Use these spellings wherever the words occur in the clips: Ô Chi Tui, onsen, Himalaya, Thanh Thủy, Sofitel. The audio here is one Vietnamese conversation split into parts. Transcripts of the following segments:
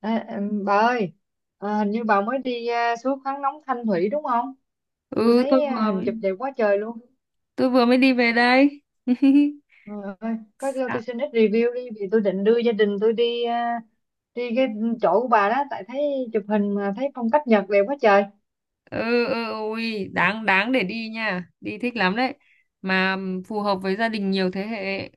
Bà ơi, hình như bà mới đi suối khoáng nóng Thanh Thủy đúng không? Tôi ừ tôi thấy vừa hình chụp đẹp quá trời luôn. tôi vừa mới đi về đây Có cho Đã- tôi xin ít review đi, vì tôi định đưa gia đình tôi đi, đi cái chỗ của bà đó, tại thấy chụp hình mà thấy phong cách Nhật đẹp quá trời. ừ, ừ, ui, đáng đáng để đi nha, đi thích lắm đấy, mà phù hợp với gia đình nhiều thế hệ.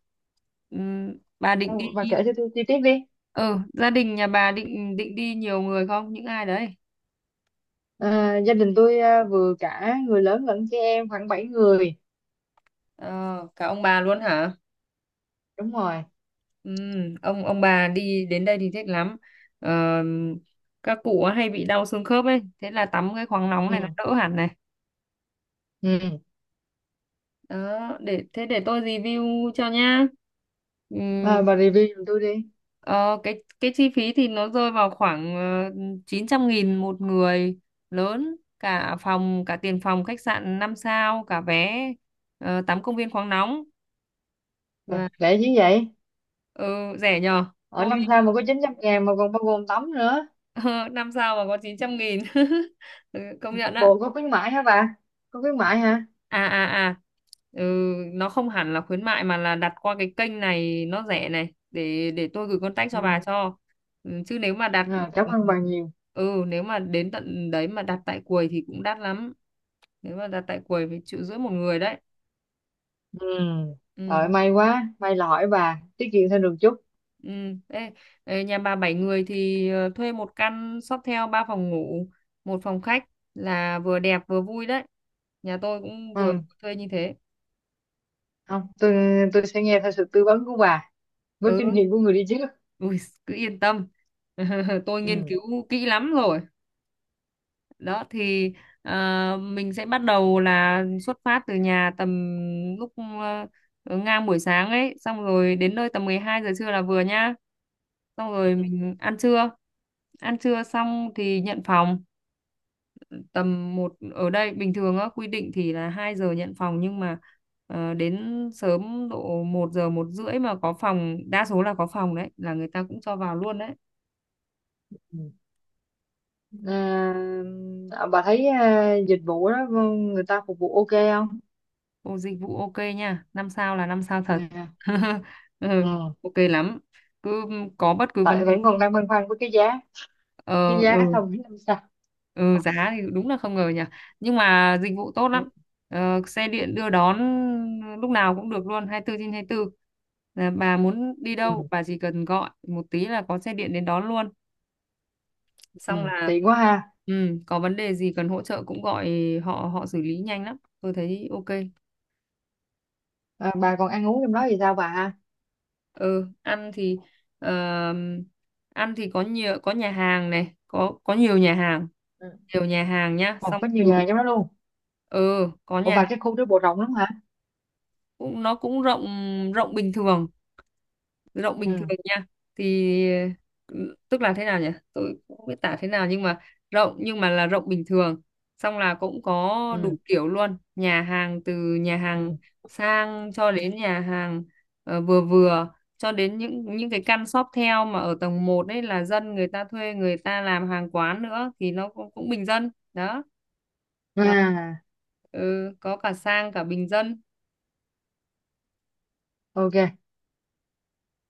Bà Ờ, định Bà đi? kể cho tôi chi tiết đi. Ừ Gia đình nhà bà định định đi nhiều người không, những ai đấy? Gia đình tôi vừa cả người lớn lẫn trẻ em khoảng 7 người. Ờ, Cả ông bà luôn hả? Đúng rồi. Ông bà đi đến đây thì thích lắm. Ờ, các cụ hay bị đau xương khớp ấy, thế là tắm cái khoáng nóng này nó Ừ. đỡ hẳn này. Ừ. Đó, để tôi review cho nhá. Ừm, Bà review giùm tôi đi. ờ, cái chi phí thì nó rơi vào khoảng, 900.000 một người lớn, cả phòng, cả tiền phòng khách sạn 5 sao, cả vé tắm công viên khoáng nóng và... Rẻ chứ vậy. ừ, Rẻ nhờ. Ở tôi năm sao mà có 900.000 mà còn bao gồm tắm nữa. Năm sao mà có 900.000. Ừ, công nhận ạ. Bộ có khuyến mãi hả bà? Có khuyến à mãi hả? à à ừ, nó không hẳn là khuyến mại mà là đặt qua cái kênh này nó rẻ này, để tôi gửi contact cho bà Ừ. cho Chứ nếu mà đặt... cảm ơn bà nhiều. ừ Nếu mà đến tận đấy mà đặt tại quầy thì cũng đắt lắm, nếu mà đặt tại quầy phải triệu rưỡi một người đấy. Ừ. ừ Rồi, may quá, may là hỏi bà tiết kiệm thêm được chút. ừ Ê, ê, nhà bà bảy người thì thuê một căn Sofitel ba phòng ngủ một phòng khách là vừa đẹp vừa vui đấy. Nhà tôi cũng vừa Ừ. thuê như thế. Không, tôi, tôi sẽ nghe theo sự tư vấn của bà, với kinh Ừ. nghiệm của người đi trước. Ui, cứ yên tâm. Tôi nghiên Ừ. cứu kỹ lắm rồi. Đó thì mình sẽ bắt đầu là xuất phát từ nhà tầm lúc ngang buổi sáng ấy, xong rồi đến nơi tầm 12 giờ trưa là vừa nhá. Xong rồi Ừ. mình ăn trưa. Ăn trưa xong thì nhận phòng tầm một, ở đây bình thường á quy định thì là 2 giờ nhận phòng, nhưng mà đến sớm độ 1 giờ một rưỡi mà có phòng, đa số là có phòng đấy là người ta cũng cho vào luôn đấy. Ừ. Bà thấy dịch vụ đó người ta phục vụ ok không? Ô, dịch vụ ok nha, 5 sao là 5 sao thật. Nè. Ừ, Ừ. ok lắm. Cứ có bất cứ vấn Tại đề... vẫn còn đang băn khoăn với cái giá, cái ờ giá ừ, không biết làm sao. ừ Giá thì đúng là không ngờ nhỉ. Nhưng mà dịch vụ tốt Ừ. lắm. Xe điện đưa đón lúc nào cũng được luôn, 24 trên 24. Là bà muốn đi Ừ. đâu, bà chỉ cần gọi một tí là có xe điện đến đón luôn. Ừ. Xong là, Tiện quá ha. Có vấn đề gì cần hỗ trợ cũng gọi, họ họ xử lý nhanh lắm. Tôi thấy ok. Bà còn ăn uống trong đó thì sao bà ha? Ừ, ờm, ăn thì có nhiều, có nhà hàng này, có nhiều nhà hàng, Ừ. Nhá, Còn xong có nhiều từ... nhà trong đó luôn. ừ có Ủa, nhà hàng. và cái khu đó bộ rộng lắm hả? Nó cũng rộng, rộng bình thường. Tự động bình Ừ. thường nha, thì tức là thế nào nhỉ, tôi cũng không biết tả thế nào, nhưng mà rộng, nhưng mà là rộng bình thường. Xong là cũng có đủ Ừ. kiểu luôn, nhà hàng từ nhà Ừ. hàng sang cho đến nhà hàng vừa vừa, cho đến những cái căn shop theo mà ở tầng một đấy là dân người ta thuê, người ta làm hàng quán nữa thì nó cũng bình dân đó, là À, có cả sang cả bình dân. ok.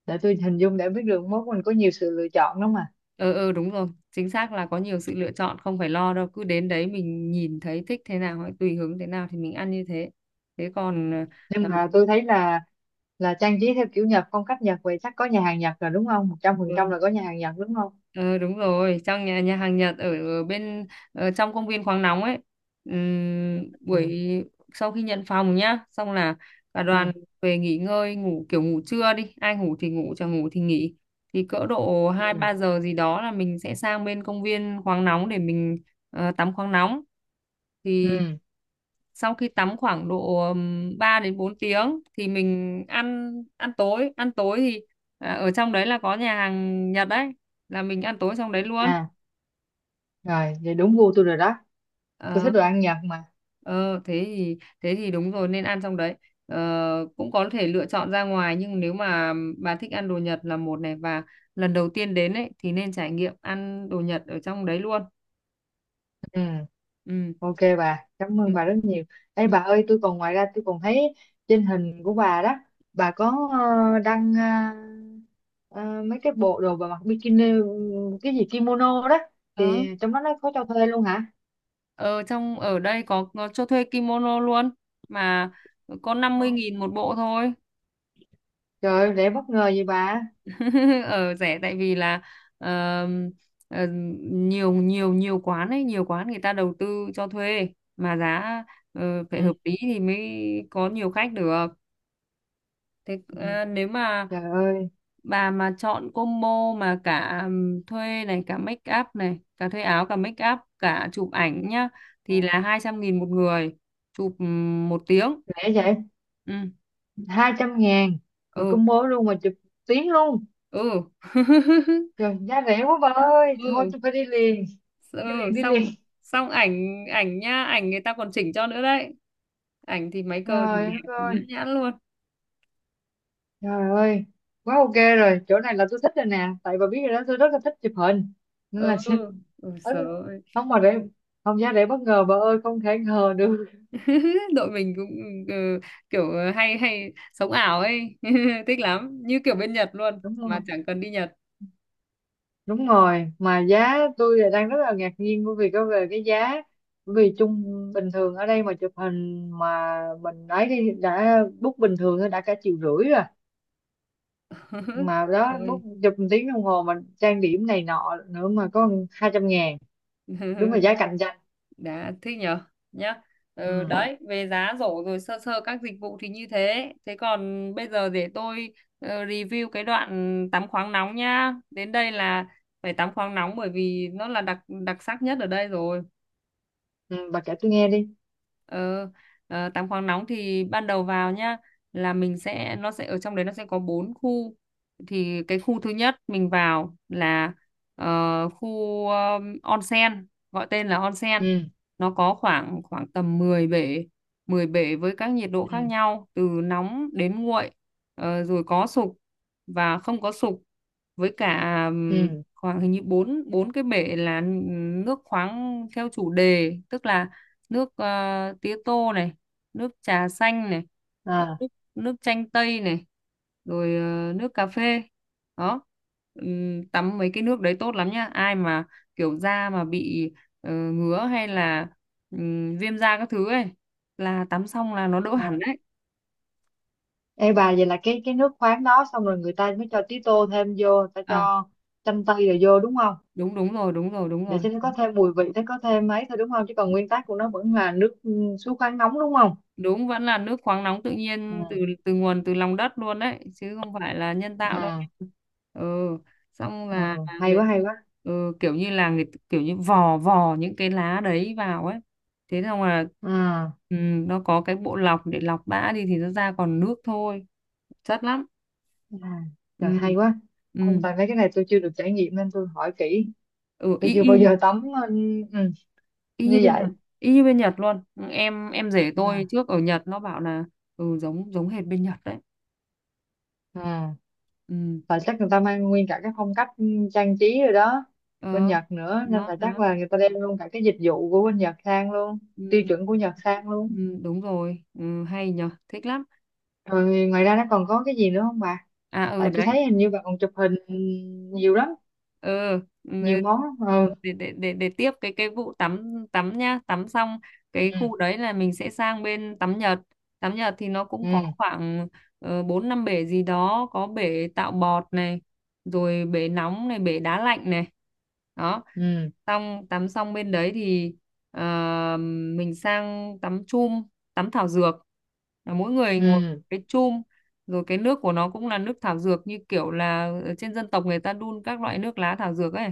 Để tôi hình dung để biết được mốt mình có nhiều sự lựa chọn lắm mà. Ừ, ừ, đúng rồi, chính xác là có nhiều sự lựa chọn, không phải lo đâu, cứ đến đấy mình nhìn thấy thích thế nào hay tùy hứng thế nào thì mình ăn như thế. Thế còn, Nhưng ờ, mà tôi thấy là trang trí theo kiểu Nhật, phong cách Nhật vậy, chắc có nhà hàng Nhật rồi đúng không? một trăm ờ, phần trăm là có nhà hàng Nhật đúng không? ờ, đúng rồi, trong nhà nhà hàng Nhật, ở trong công viên khoáng nóng ấy. Buổi Ừ. Sau khi nhận phòng nhá, xong là cả Ừ. đoàn về nghỉ ngơi, ngủ kiểu ngủ trưa đi, ai ngủ thì ngủ chẳng ngủ thì nghỉ. Thì cỡ độ hai Ừ. ba giờ gì đó là mình sẽ sang bên công viên khoáng nóng để mình tắm khoáng nóng. Thì Ừ. sau khi tắm khoảng độ 3 đến 4 tiếng thì mình ăn ăn tối. Ăn tối thì ở trong đấy là có nhà hàng Nhật đấy, là mình ăn tối trong đấy luôn. À, rồi, vậy đúng gu tôi rồi đó. Tôi thích Ờ, đồ ăn Nhật mà. Ờ, thế thì đúng rồi, nên ăn trong đấy. Cũng có thể lựa chọn ra ngoài, nhưng nếu mà bà thích ăn đồ Nhật là một này, và lần đầu tiên đến ấy thì nên trải nghiệm ăn đồ Nhật ở trong đấy luôn. Ừ. Ừ. Ok bà, cảm ơn bà rất nhiều. Ê Ừ. bà ơi, tôi còn, ngoài ra tôi còn thấy trên hình của bà đó, bà có đăng ờ, mấy cái bộ đồ bà mặc bikini, cái gì kimono đó, Ừ. thì trong đó nó có cho thuê luôn hả? Ở đây có cho thuê kimono luôn, mà có 50.000 một bộ thôi. Trời ơi, rẻ bất ngờ vậy bà. Ở rẻ tại vì là ờ, ờ, nhiều nhiều nhiều quán ấy, nhiều quán người ta đầu tư cho thuê mà giá phải hợp Ừ, lý thì mới có nhiều khách được. Thế ừ, nếu mà trời ơi, bà mà chọn combo mà cả thuê này, cả make up này, cả thuê áo cả make up cả chụp ảnh nhá, thì là 200.000 một người, chụp một tiếng. rẻ vậy. ừ 200.000 mà ừ combo luôn, mà chụp tiếng luôn. ừ Trời, giá rẻ quá bà ơi, thôi ừ tôi phải đi liền, ừ đi liền, đi Xong liền. Xong ảnh, ảnh nha, ảnh người ta còn chỉnh cho nữa đấy, ảnh thì máy cơ thì Trời đất đẹp nhã ơi. nhãn luôn. Trời ơi, quá ok rồi, chỗ này là tôi thích rồi nè, tại bà biết rồi đó, tôi rất là thích chụp hình, nên ừ là ừ sợ. ấn- không mà để, không, giá để bất ngờ bà ơi, không thể ngờ được, Đội mình cũng ừ, kiểu hay hay sống ảo ấy. Thích lắm, như kiểu bên Nhật luôn đúng mà không? chẳng cần đi Nhật. Đúng rồi, mà giá tôi lại đang rất là ngạc nhiên bởi vì có về cái giá, bởi vì chung, bình thường ở đây mà chụp hình mà mình ấy, đi đã book bình thường thôi đã cả triệu rưỡi rồi, mà Đúng đó book rồi. chụp một tiếng đồng hồ, mà trang điểm này nọ nữa, mà có 200.000, đúng là giá cạnh tranh. Đã thích nhở, nhá. Ừ, Đấy, về giá rổ rồi sơ sơ các dịch vụ thì như thế. Thế còn bây giờ để tôi review cái đoạn tắm khoáng nóng nhá. Đến đây là phải tắm khoáng nóng, bởi vì nó là đặc đặc sắc nhất ở đây rồi. ừ bà kể tôi nghe đi. Ờ, Tắm khoáng nóng thì ban đầu vào nhá, là mình sẽ nó sẽ ở trong đấy, nó sẽ có bốn khu. Thì cái khu thứ nhất mình vào là khu onsen, gọi tên là onsen. Ừ. Nó có khoảng khoảng tầm 10 bể, 10 bể với các nhiệt độ khác Ừ, nhau từ nóng đến nguội. Rồi có sục và không có sục, với cả ừ, khoảng hình như bốn bốn cái bể là nước khoáng theo chủ đề, tức là nước tía tô này, nước trà xanh này, à, nước nước chanh tây này, rồi nước cà phê đó. Tắm mấy cái nước đấy tốt lắm nhá, ai mà kiểu da mà bị ngứa hay là viêm da các thứ ấy là tắm xong là nó đỡ à. hẳn đấy. Ê bà, vậy là cái nước khoáng đó xong rồi người ta mới cho tí tô thêm vô, người ta À cho chanh tây rồi vô đúng không? đúng Đúng rồi, đúng rồi, đúng Để rồi, cho nó có thêm mùi vị, nó có thêm mấy thôi đúng không, chứ còn nguyên tắc của nó vẫn là nước, suối khoáng nóng đúng không? đúng vẫn là nước khoáng nóng tự nhiên, từ Ừ. từ nguồn, từ lòng đất luôn đấy chứ không phải là nhân Ừ. tạo đâu nha. Ừ. xong Ừ, là hay người quá, hay quá. ừ, Kiểu như là người kiểu như vò vò những cái lá đấy vào ấy, thế xong là, Ừ. ừ, nó có cái bộ lọc để lọc bã đi thì nó ra còn nước thôi, chất lắm. à, trời ừ hay quá. ừ, Ông, tại mấy cái này tôi chưa được trải nghiệm nên tôi hỏi kỹ. ừ y, Tôi chưa bao y, như- giờ tắm. Ừ, ừ, Y như như bên vậy. Nhật, y như bên Nhật luôn. Ừ, em rể Ừ. tôi trước ở Nhật nó bảo là giống giống hệt bên Nhật đấy. Ừ. ừ Là chắc người ta mang nguyên cả cái phong cách, trang trí rồi đó, bên ờ Nhật nữa, nên Đó, là chắc đó. là người ta đem luôn cả cái dịch vụ của bên Nhật sang luôn, tiêu Ừ, chuẩn của Nhật sang luôn. ừ, đúng rồi, ừ, hay nhở, thích lắm. Rồi ngoài ra nó còn có cái gì nữa không bà? Ừ, Tại tôi đấy, thấy hình như bà còn chụp hình nhiều lắm, ừ, nhiều ừ, món lắm. Ừ. Để tiếp cái vụ tắm, tắm nhá. Tắm xong cái Ừ. khu đấy là mình sẽ sang bên tắm Nhật. Tắm Nhật thì nó cũng có Ừ. khoảng bốn năm bể gì đó, có bể tạo bọt này, rồi bể nóng này, bể đá lạnh này đó. Ừ. Xong tắm xong bên đấy thì ờ, mình sang tắm chum, tắm thảo dược. Là mỗi người ngồi Ừ. cái chum, rồi cái nước của nó cũng là nước thảo dược, như kiểu là ở trên dân tộc người ta đun các loại nước lá thảo dược ấy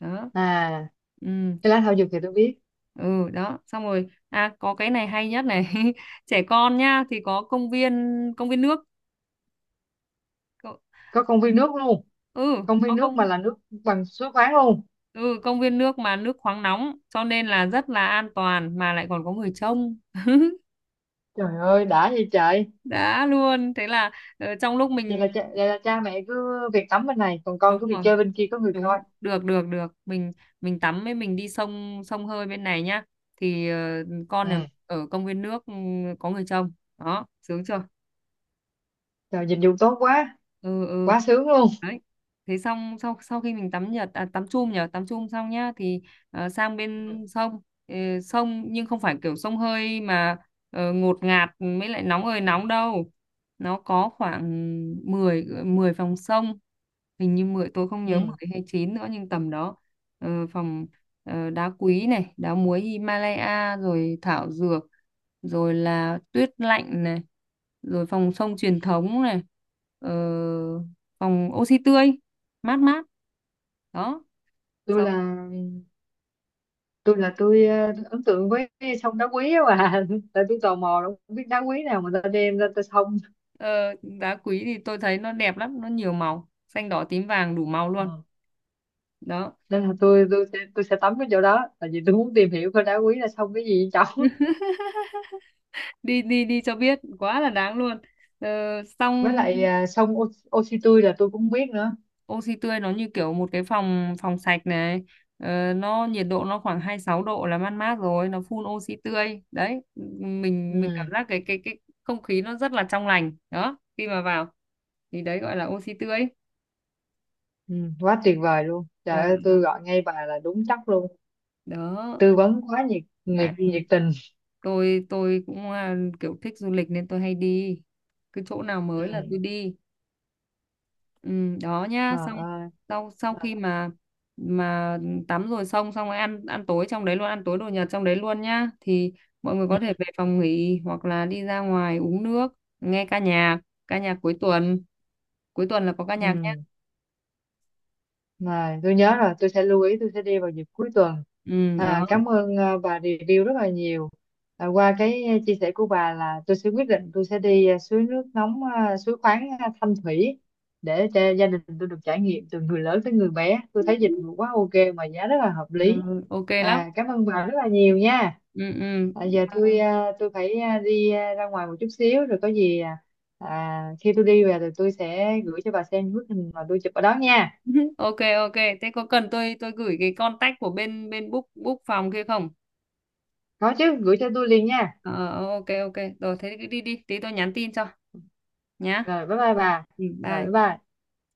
đó. À, ừ cái lá thảo dược thì tôi biết. ừ đó, xong rồi, có cái này hay nhất này. Trẻ con nhá thì có công viên nước. Có- Có công viên nước luôn? ừ Công có viên nước mà công là nước bằng suối khoáng luôn? ừ công viên nước mà nước khoáng nóng, cho nên là rất là an toàn mà lại còn có người trông. Trời ơi, đã vậy trời. Đã luôn, thế là trong lúc mình, Vậy là cha mẹ cứ việc tắm bên này, còn con đúng cứ việc rồi, chơi bên kia có người coi. đúng, được được được, mình tắm với mình đi sông sông hơi bên này nhá, thì con nhà Ừ. ở công viên nước có người trông. Đó, sướng chưa? Trời, dịch vụ tốt quá, Ừ, ừ. quá sướng luôn. Đấy, thế xong sau sau khi mình tắm nhật, tắm chum nhở, tắm chum xong nhá thì sang Ừ. bên sông. Ờ, Sông nhưng không phải kiểu sông hơi mà ngột ngạt mới lại nóng ơi nóng đâu. Nó có khoảng 10 10 phòng sông, hình như mười, tôi không nhớ Ừ. 10 hay 9 nữa, nhưng tầm đó. Phòng đá quý này, đá muối Himalaya rồi thảo dược, rồi là tuyết lạnh này, rồi phòng sông truyền thống này, ờ, phòng oxy tươi, mát mát đó. Tôi sống là tôi ấn tượng với cái sông đá quý á bà. Tại tôi tò mò, đâu biết đá quý nào mà ta đem ra ta sông. ờ, Đá quý thì tôi thấy nó đẹp lắm, nó nhiều màu xanh đỏ tím vàng đủ màu Ừ. luôn đó. Nên là tôi sẽ tắm cái chỗ đó, tại vì tôi muốn tìm hiểu coi đá quý là sông cái gì vậy cháu. Đi đi đi cho biết, quá là đáng luôn. ờ, Với Xong lại sông Ô, Ô Chi Tui là tôi cũng biết nữa. oxy tươi nó như kiểu một cái phòng phòng sạch này, nó nhiệt độ nó khoảng 26 độ là mát mát rồi, nó phun oxy tươi đấy, mình Ừ. cảm giác cái không khí nó rất là trong lành đó, khi mà vào thì đấy gọi là oxy tươi. Ừ. Quá tuyệt vời luôn. Trời Ờ, ơi, tôi ờ, gọi ngay bà là đúng chắc luôn. Đó, Tư vấn quá nhiệt, nhiệt, tại nhiệt vì tình. Tôi cũng kiểu thích du lịch nên tôi hay đi, cứ chỗ nào Ừ. mới là tôi đi. Ừ, đó nhá, Ờ xong Ơi. sau sau khi mà tắm rồi xong, xong rồi ăn ăn tối trong đấy luôn, ăn tối đồ Nhật trong đấy luôn nhá, thì mọi người Ừ. có thể về phòng nghỉ hoặc là đi ra ngoài uống nước, nghe ca nhạc, cuối tuần, cuối tuần là có ca nhạc nhá. Ừ. Mà tôi nhớ rồi, tôi sẽ lưu ý, tôi sẽ đi vào dịp cuối tuần. Ừ, đó, Cảm ơn, bà review rất là nhiều. Qua cái, chia sẻ của bà là tôi sẽ quyết định, tôi sẽ đi, suối nước nóng, suối khoáng, Thanh Thủy, để cho gia đình tôi được trải nghiệm, từ người lớn tới người bé, tôi thấy dịch vụ quá ok mà giá rất là hợp ừ, lý. ok lắm. Cảm ơn bà rất là nhiều nha. Ừ, ừ. Giờ tôi, tôi phải, đi, ra ngoài một chút xíu, rồi có gì, khi tôi đi về thì tôi sẽ gửi cho bà xem bức hình mà tôi chụp ở đó nha. Ok, ok, thế có cần tôi gửi cái contact của bên bên book book phòng kia không? Có chứ, gửi cho tôi liền nha. Ờ ok, ok, rồi thế cứ đi đi, tí tôi nhắn tin cho nhá. Rồi, bye bye bà. Rồi, bye Bye. bye.